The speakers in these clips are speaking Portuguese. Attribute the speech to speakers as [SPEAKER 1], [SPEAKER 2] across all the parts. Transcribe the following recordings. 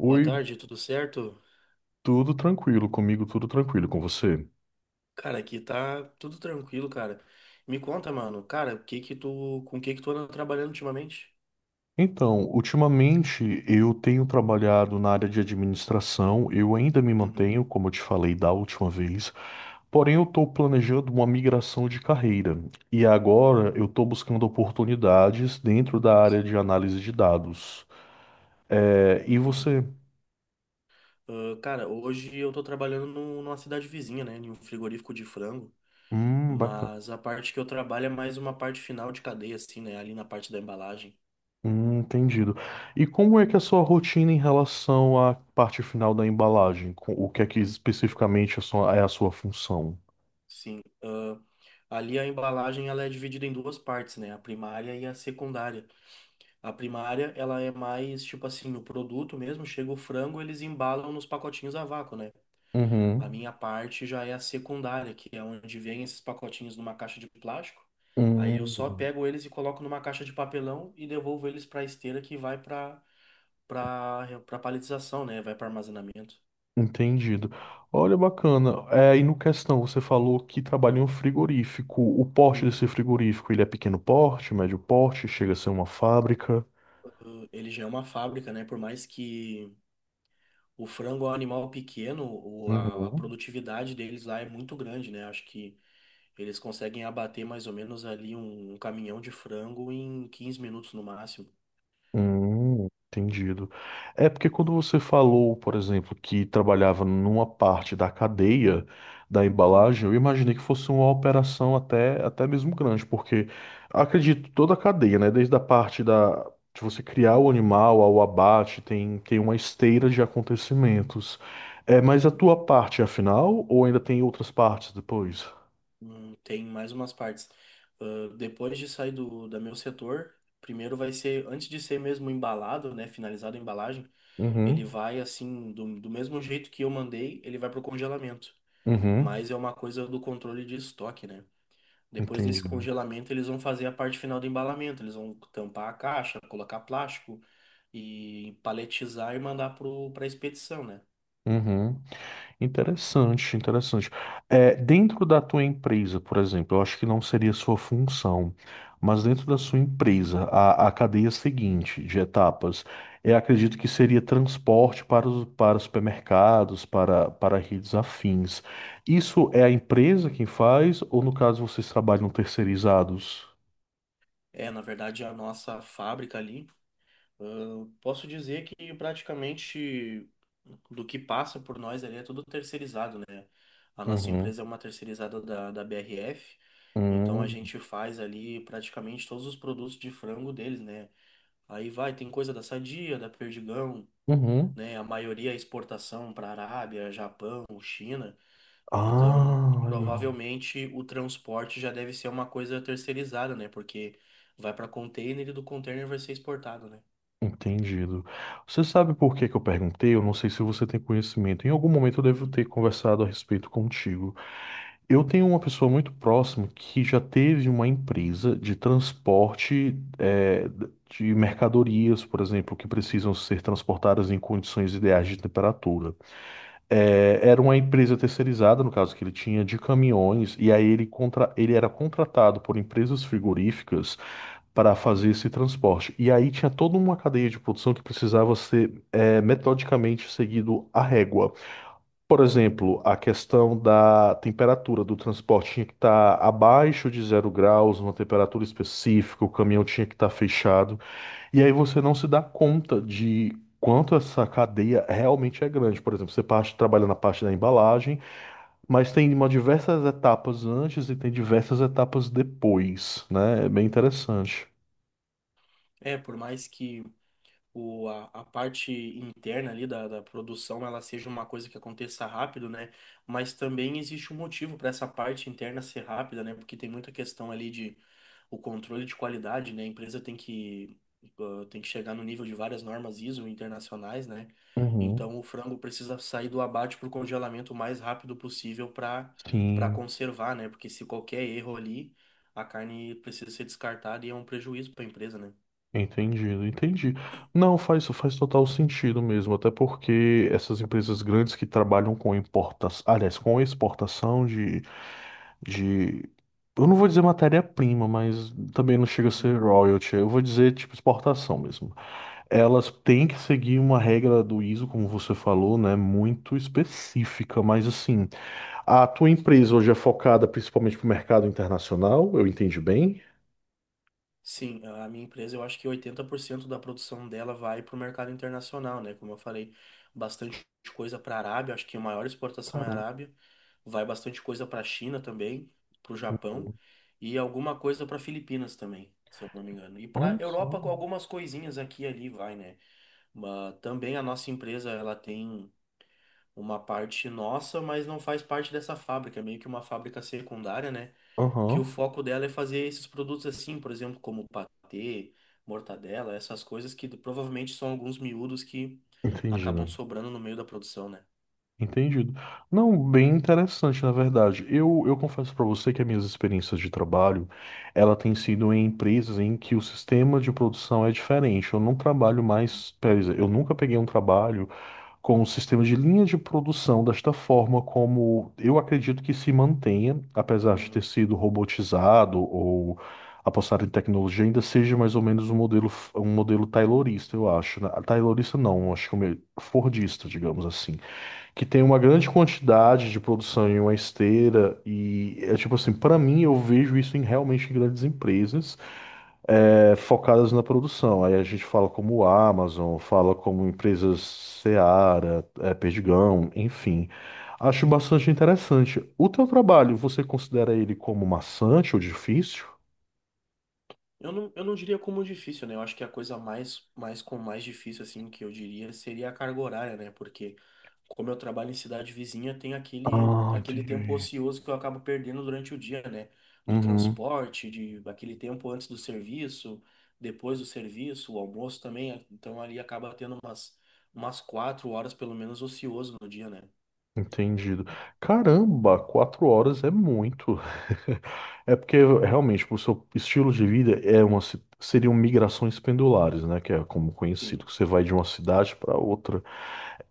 [SPEAKER 1] Boa tarde, tudo certo?
[SPEAKER 2] tudo tranquilo, comigo tudo tranquilo, com você?
[SPEAKER 1] Cara, aqui tá tudo tranquilo, cara. Me conta, mano, cara, o que que tu, com o que que tu anda trabalhando ultimamente?
[SPEAKER 2] Então, ultimamente eu tenho trabalhado na área de administração, eu ainda me
[SPEAKER 1] Uhum,
[SPEAKER 2] mantenho, como eu te falei da última vez, porém eu estou planejando uma migração de carreira e agora eu estou buscando oportunidades dentro da área
[SPEAKER 1] sim,
[SPEAKER 2] de análise de dados. É, e você?
[SPEAKER 1] entendi. Ah, cara, hoje eu tô trabalhando numa cidade vizinha, né, em um frigorífico de frango,
[SPEAKER 2] Bacana.
[SPEAKER 1] mas a parte que eu trabalho é mais uma parte final de cadeia, assim, né, ali na parte da embalagem.
[SPEAKER 2] Entendido. E como é que é a sua rotina em relação à parte final da embalagem? O que é que especificamente é a sua função?
[SPEAKER 1] Sim, ali a embalagem ela é dividida em duas partes, né, a primária e a secundária. A primária, ela é mais tipo assim, o produto mesmo, chega o frango, eles embalam nos pacotinhos a vácuo, né? A
[SPEAKER 2] Uhum.
[SPEAKER 1] minha parte já é a secundária, que é onde vem esses pacotinhos numa caixa de plástico. Aí eu só
[SPEAKER 2] Hum,
[SPEAKER 1] pego eles e coloco numa caixa de papelão e devolvo eles para esteira que vai para para paletização, né? Vai para armazenamento.
[SPEAKER 2] entendido. Olha, bacana. É, e no questão, você falou que trabalha em um frigorífico. O porte desse
[SPEAKER 1] Uhum.
[SPEAKER 2] frigorífico, ele é pequeno porte, médio porte, chega a ser uma fábrica?
[SPEAKER 1] Ele já é uma fábrica, né? Por mais que o frango é um animal pequeno, a
[SPEAKER 2] Uhum.
[SPEAKER 1] produtividade deles lá é muito grande, né? Acho que eles conseguem abater mais ou menos ali um caminhão de frango em 15 minutos no máximo.
[SPEAKER 2] Entendido. É porque quando você falou, por exemplo, que trabalhava numa parte da cadeia da
[SPEAKER 1] Hum,
[SPEAKER 2] embalagem, eu imaginei que fosse uma operação até mesmo grande, porque acredito, toda a cadeia, né, desde a parte da, de você criar o animal ao abate, tem uma esteira de acontecimentos. É, mas a tua parte é a final ou ainda tem outras partes depois?
[SPEAKER 1] Tem mais umas partes. Ah, depois de sair do, da meu setor, primeiro vai ser, antes de ser mesmo embalado, né, finalizado a embalagem, ele
[SPEAKER 2] Uhum,
[SPEAKER 1] vai assim, do mesmo jeito que eu mandei, ele vai pro congelamento.
[SPEAKER 2] uhum,
[SPEAKER 1] Mas é uma coisa do controle de estoque, né? Depois desse
[SPEAKER 2] entendido.
[SPEAKER 1] congelamento, eles vão fazer a parte final do embalamento. Eles vão tampar a caixa, colocar plástico e paletizar e mandar para a expedição, né?
[SPEAKER 2] Uhum. Interessante, interessante. É, dentro da tua empresa, por exemplo, eu acho que não seria sua função, mas dentro da sua empresa, a cadeia seguinte de etapas, eu acredito que seria transporte para os, para supermercados, para redes afins. Isso é a empresa quem faz, ou no caso vocês trabalham terceirizados?
[SPEAKER 1] É, na verdade, a nossa fábrica ali, ah, posso dizer que praticamente do que passa por nós ali é tudo terceirizado, né? A nossa
[SPEAKER 2] Uhum.
[SPEAKER 1] empresa é uma terceirizada da BRF, então a
[SPEAKER 2] Uhum.
[SPEAKER 1] gente faz ali praticamente todos os produtos de frango deles, né? Aí vai, tem coisa da Sadia, da Perdigão,
[SPEAKER 2] Uhum.
[SPEAKER 1] né? A maioria é exportação para Arábia, Japão, China. Então,
[SPEAKER 2] Ah, legal.
[SPEAKER 1] provavelmente o transporte já deve ser uma coisa terceirizada, né? Porque vai para container e do container vai ser exportado, né?
[SPEAKER 2] Entendido. Você sabe por que que eu perguntei? Eu não sei se você tem conhecimento. Em algum momento eu devo
[SPEAKER 1] Uhum,
[SPEAKER 2] ter conversado a respeito contigo. Eu tenho uma pessoa muito próxima que já teve uma empresa de transporte, de mercadorias, por exemplo, que
[SPEAKER 1] uhum.
[SPEAKER 2] precisam ser transportadas em condições ideais de temperatura. Era uma empresa terceirizada, no caso que ele tinha, de caminhões, e aí ele, ele era contratado por empresas frigoríficas para fazer esse transporte. E aí tinha toda uma cadeia de produção que precisava ser metodicamente seguido à régua. Por exemplo, a questão da temperatura do transporte tinha que estar abaixo de 0 graus, uma temperatura específica, o caminhão tinha que estar fechado. E aí você não se dá conta de quanto essa cadeia realmente é grande. Por exemplo, você parte, trabalha na parte da embalagem, mas tem uma diversas etapas antes e tem diversas etapas depois, né? É bem interessante.
[SPEAKER 1] É, por mais que a parte interna ali da produção ela seja uma coisa que aconteça rápido, né? Mas também existe um motivo para essa parte interna ser rápida, né? Porque tem muita questão ali de o controle de qualidade, né? A empresa tem que chegar no nível de várias normas ISO internacionais, né?
[SPEAKER 2] Uhum.
[SPEAKER 1] Então o frango precisa sair do abate para o congelamento o mais rápido possível para
[SPEAKER 2] Sim,
[SPEAKER 1] conservar, né? Porque se qualquer erro ali, a carne precisa ser descartada e é um prejuízo para a empresa, né?
[SPEAKER 2] entendido, entendi. Não, faz total sentido mesmo, até porque essas empresas grandes que trabalham com importação, aliás, com exportação de, eu não vou dizer matéria-prima, mas também não chega a
[SPEAKER 1] Uhum.
[SPEAKER 2] ser royalty, eu vou dizer tipo exportação mesmo. Elas têm que seguir uma regra do ISO, como você falou, né, muito específica, mas assim, a tua empresa hoje é focada principalmente para o mercado internacional, eu entendi bem?
[SPEAKER 1] Sim, a minha empresa, eu acho que 80% da produção dela vai para o mercado internacional, né? Como eu falei, bastante coisa para a Arábia, acho que a maior exportação é a
[SPEAKER 2] Caramba,
[SPEAKER 1] Arábia, vai bastante coisa para a China também, para o Japão e alguma coisa para Filipinas também, se eu não me engano. E
[SPEAKER 2] olha
[SPEAKER 1] para
[SPEAKER 2] só.
[SPEAKER 1] Europa, com algumas coisinhas aqui e ali vai, né? Mas também a nossa empresa, ela tem uma parte nossa, mas não faz parte dessa fábrica, é meio que uma fábrica secundária, né? Que o
[SPEAKER 2] Aham,
[SPEAKER 1] foco dela é fazer esses produtos assim, por exemplo, como patê, mortadela, essas coisas que provavelmente são alguns miúdos que acabam
[SPEAKER 2] entendido.
[SPEAKER 1] sobrando no meio da produção, né?
[SPEAKER 2] Entendido. Não, bem interessante, na verdade. Eu confesso para você que as minhas experiências de trabalho, ela tem sido em empresas em que o sistema de produção é diferente. Eu não trabalho mais, quer dizer, eu nunca peguei um trabalho com o sistema de linha de produção desta forma, como eu acredito que se mantenha, apesar de ter
[SPEAKER 1] Uhum.
[SPEAKER 2] sido robotizado ou apostar em tecnologia, ainda seja mais ou menos um modelo taylorista, eu acho. Né? Taylorista não, acho que é um fordista, digamos assim, que tem uma grande quantidade de produção em uma esteira e é tipo assim, para mim eu vejo isso em realmente em grandes empresas é, focadas na produção. Aí a gente fala como Amazon, fala como empresas Seara, é, Perdigão, enfim. Acho bastante interessante. O teu trabalho, você considera ele como maçante ou difícil?
[SPEAKER 1] Eu não diria como difícil, né? Eu acho que a coisa mais, mais com mais difícil, assim, que eu diria seria a carga horária, né? Porque como eu trabalho em cidade vizinha, tem aquele,
[SPEAKER 2] Ah,
[SPEAKER 1] aquele tempo
[SPEAKER 2] entendi.
[SPEAKER 1] ocioso que eu acabo perdendo durante o dia, né? Do
[SPEAKER 2] Uhum.
[SPEAKER 1] transporte, de aquele tempo antes do serviço, depois do serviço, o almoço também. Então ali acaba tendo umas, 4 horas, pelo menos, ocioso no dia, né?
[SPEAKER 2] Entendido. Caramba, 4 horas é muito. É porque realmente o seu estilo de vida é uma, seriam migrações pendulares, né? Que é como
[SPEAKER 1] Sim,
[SPEAKER 2] conhecido, que você vai de uma cidade para outra.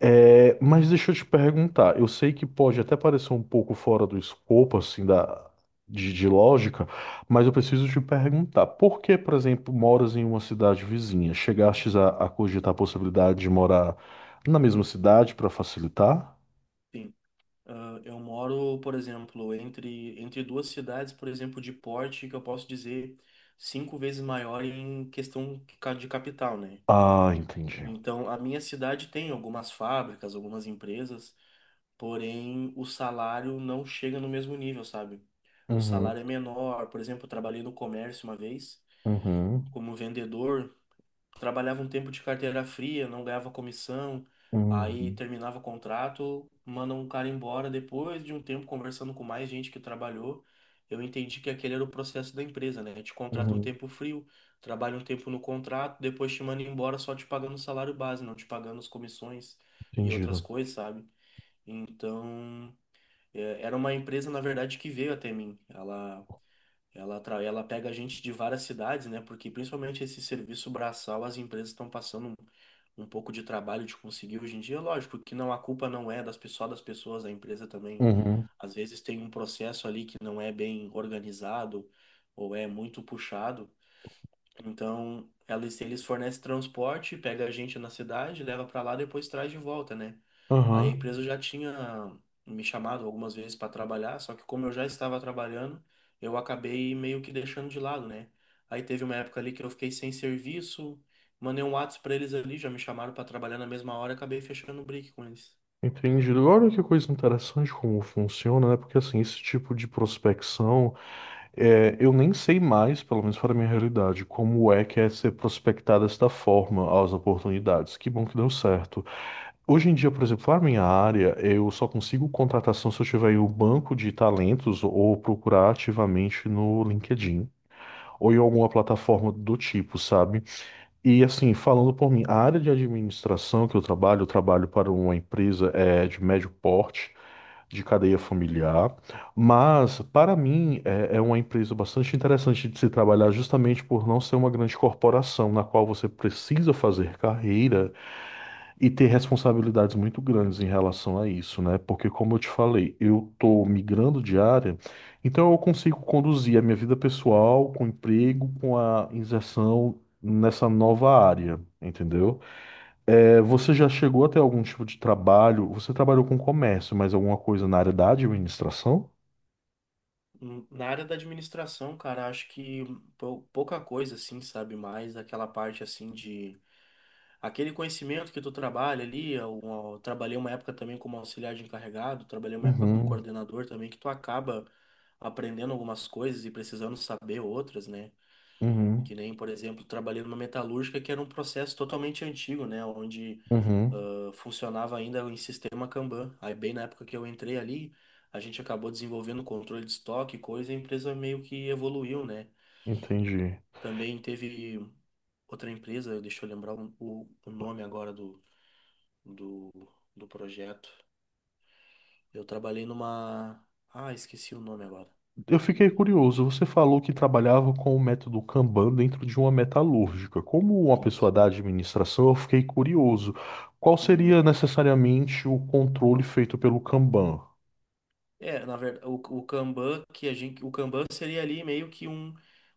[SPEAKER 2] É, mas deixa eu te perguntar, eu sei que pode até parecer um pouco fora do escopo, assim, de lógica, mas eu preciso te perguntar, por que, por exemplo, moras em uma cidade vizinha? Chegastes a cogitar a possibilidade de morar na mesma cidade para facilitar?
[SPEAKER 1] sim. Ah, eu moro, por exemplo, entre duas cidades, por exemplo, de porte, que eu posso dizer cinco vezes maior em questão de capital, né?
[SPEAKER 2] Ah, entendi.
[SPEAKER 1] Então, a minha cidade tem algumas fábricas, algumas empresas, porém o salário não chega no mesmo nível, sabe? O
[SPEAKER 2] Uhum,
[SPEAKER 1] salário é menor. Por exemplo, eu trabalhei no comércio uma vez,
[SPEAKER 2] uhum,
[SPEAKER 1] como vendedor, trabalhava um tempo de carteira fria, não ganhava comissão, aí
[SPEAKER 2] uhum,
[SPEAKER 1] terminava o contrato, manda um cara embora. Depois de um tempo conversando com mais gente que trabalhou, eu entendi que aquele era o processo da empresa, né? Te contrata um
[SPEAKER 2] uhum.
[SPEAKER 1] tempo frio, trabalha um tempo no contrato, depois te manda embora só te pagando o salário base, não te pagando as comissões e outras
[SPEAKER 2] Entendido.
[SPEAKER 1] coisas, sabe? Então, é, era uma empresa, na verdade, que veio até mim. Ela pega a gente de várias cidades, né? Porque principalmente esse serviço braçal, as empresas estão passando um, um pouco de trabalho de conseguir hoje em dia. Lógico que não, a culpa não é das pessoas, a empresa também.
[SPEAKER 2] Uhum,
[SPEAKER 1] Às vezes tem um processo ali que não é bem organizado ou é muito puxado. Então, eles fornecem transporte, pega a gente na cidade, leva para lá, depois traz de volta, né? Aí a
[SPEAKER 2] aham,
[SPEAKER 1] empresa já tinha me chamado algumas vezes para trabalhar, só que como eu já estava trabalhando, eu acabei meio que deixando de lado, né? Aí teve uma época ali que eu fiquei sem serviço, mandei um WhatsApp para eles ali, já me chamaram para trabalhar na mesma hora, e acabei fechando o break com eles.
[SPEAKER 2] entendido. Olha que coisa interessante como funciona, né? Porque assim, esse tipo de prospecção, é, eu nem sei mais, pelo menos para a minha realidade, como é que é ser prospectada desta forma as oportunidades. Que bom que deu certo. Hoje em dia, por exemplo, na minha área, eu só consigo contratação se eu tiver em um banco de talentos ou procurar ativamente no LinkedIn. Ou em alguma plataforma do tipo, sabe? E assim, falando por mim, a área de administração que eu trabalho para uma empresa é, de médio porte, de cadeia familiar, mas para mim é, é uma empresa bastante interessante de se trabalhar justamente por não ser uma grande corporação na qual você precisa fazer carreira e ter responsabilidades muito grandes em relação a isso, né? Porque, como eu te falei, eu tô migrando de área, então eu consigo conduzir a minha vida pessoal com o emprego, com a inserção nessa nova área, entendeu? É, você já chegou a ter algum tipo de trabalho? Você trabalhou com comércio, mas alguma coisa na área da administração?
[SPEAKER 1] Na área da administração, cara, acho que pouca coisa assim, sabe? Mais aquela parte assim de aquele conhecimento que tu trabalha ali, eu trabalhei uma época também como auxiliar de encarregado, trabalhei uma época como
[SPEAKER 2] Uhum,
[SPEAKER 1] coordenador também, que tu acaba aprendendo algumas coisas e precisando saber outras, né? Que
[SPEAKER 2] uhum,
[SPEAKER 1] nem, por exemplo, trabalhei numa metalúrgica que era um processo totalmente antigo, né? Onde
[SPEAKER 2] uhum.
[SPEAKER 1] funcionava ainda em sistema Kanban. Aí, bem na época que eu entrei ali, a gente acabou desenvolvendo controle de estoque, e coisa, e a empresa meio que evoluiu, né?
[SPEAKER 2] Entendi.
[SPEAKER 1] Também teve outra empresa, deixa eu lembrar o nome agora do do, do projeto. Eu trabalhei numa. Ah, esqueci o nome agora.
[SPEAKER 2] Eu fiquei curioso. Você falou que trabalhava com o método Kanban dentro de uma metalúrgica. Como uma pessoa
[SPEAKER 1] Isso.
[SPEAKER 2] da administração, eu fiquei curioso. Qual
[SPEAKER 1] Uhum.
[SPEAKER 2] seria necessariamente o controle feito pelo Kanban?
[SPEAKER 1] É, na verdade, o Kanban seria ali meio que um,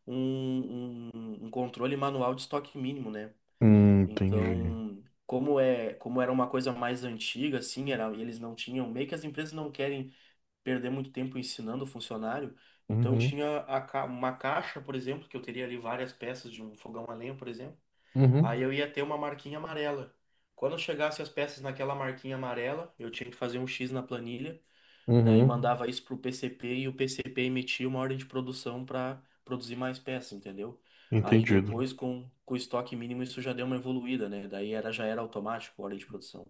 [SPEAKER 1] um controle manual de estoque mínimo, né?
[SPEAKER 2] Entendi.
[SPEAKER 1] Então, como é, como era uma coisa mais antiga, assim, era, eles não tinham, meio que as empresas não querem perder muito tempo ensinando o funcionário, então
[SPEAKER 2] Uhum,
[SPEAKER 1] tinha uma caixa, por exemplo, que eu teria ali várias peças de um fogão a lenha, por exemplo. Aí
[SPEAKER 2] uhum,
[SPEAKER 1] eu ia ter uma marquinha amarela. Quando chegasse as peças naquela marquinha amarela, eu tinha que fazer um X na planilha, e daí
[SPEAKER 2] uhum.
[SPEAKER 1] mandava isso pro PCP e o PCP emitia uma ordem de produção para produzir mais peças, entendeu? Aí
[SPEAKER 2] Entendido.
[SPEAKER 1] depois, com o estoque mínimo, isso já deu uma evoluída, né? Daí era, já era automático a ordem de produção.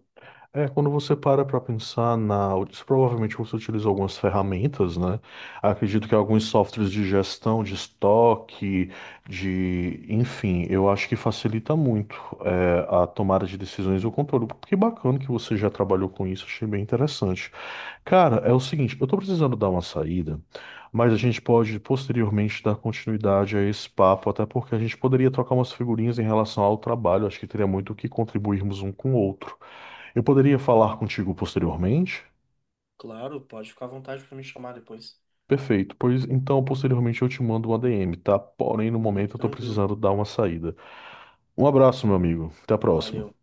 [SPEAKER 2] É, quando você para pensar na. Isso provavelmente você utiliza algumas ferramentas, né? Acredito que alguns softwares de gestão, de estoque, de. Enfim, eu acho que facilita muito é, a tomada de decisões e o controle. Que bacana que você já trabalhou com isso, achei bem interessante. Cara, é o seguinte, eu tô precisando dar uma saída, mas a gente pode posteriormente dar continuidade a esse papo, até porque a gente poderia trocar umas figurinhas em relação ao trabalho, acho que teria muito o que contribuirmos um com o outro. Eu poderia falar contigo posteriormente?
[SPEAKER 1] Claro, pode ficar à vontade para me chamar depois.
[SPEAKER 2] Perfeito, pois então posteriormente eu te mando uma DM, tá? Porém, no
[SPEAKER 1] Uhum,
[SPEAKER 2] momento eu tô
[SPEAKER 1] tranquilo.
[SPEAKER 2] precisando dar uma saída. Um abraço, meu amigo. Até a próxima.
[SPEAKER 1] Valeu.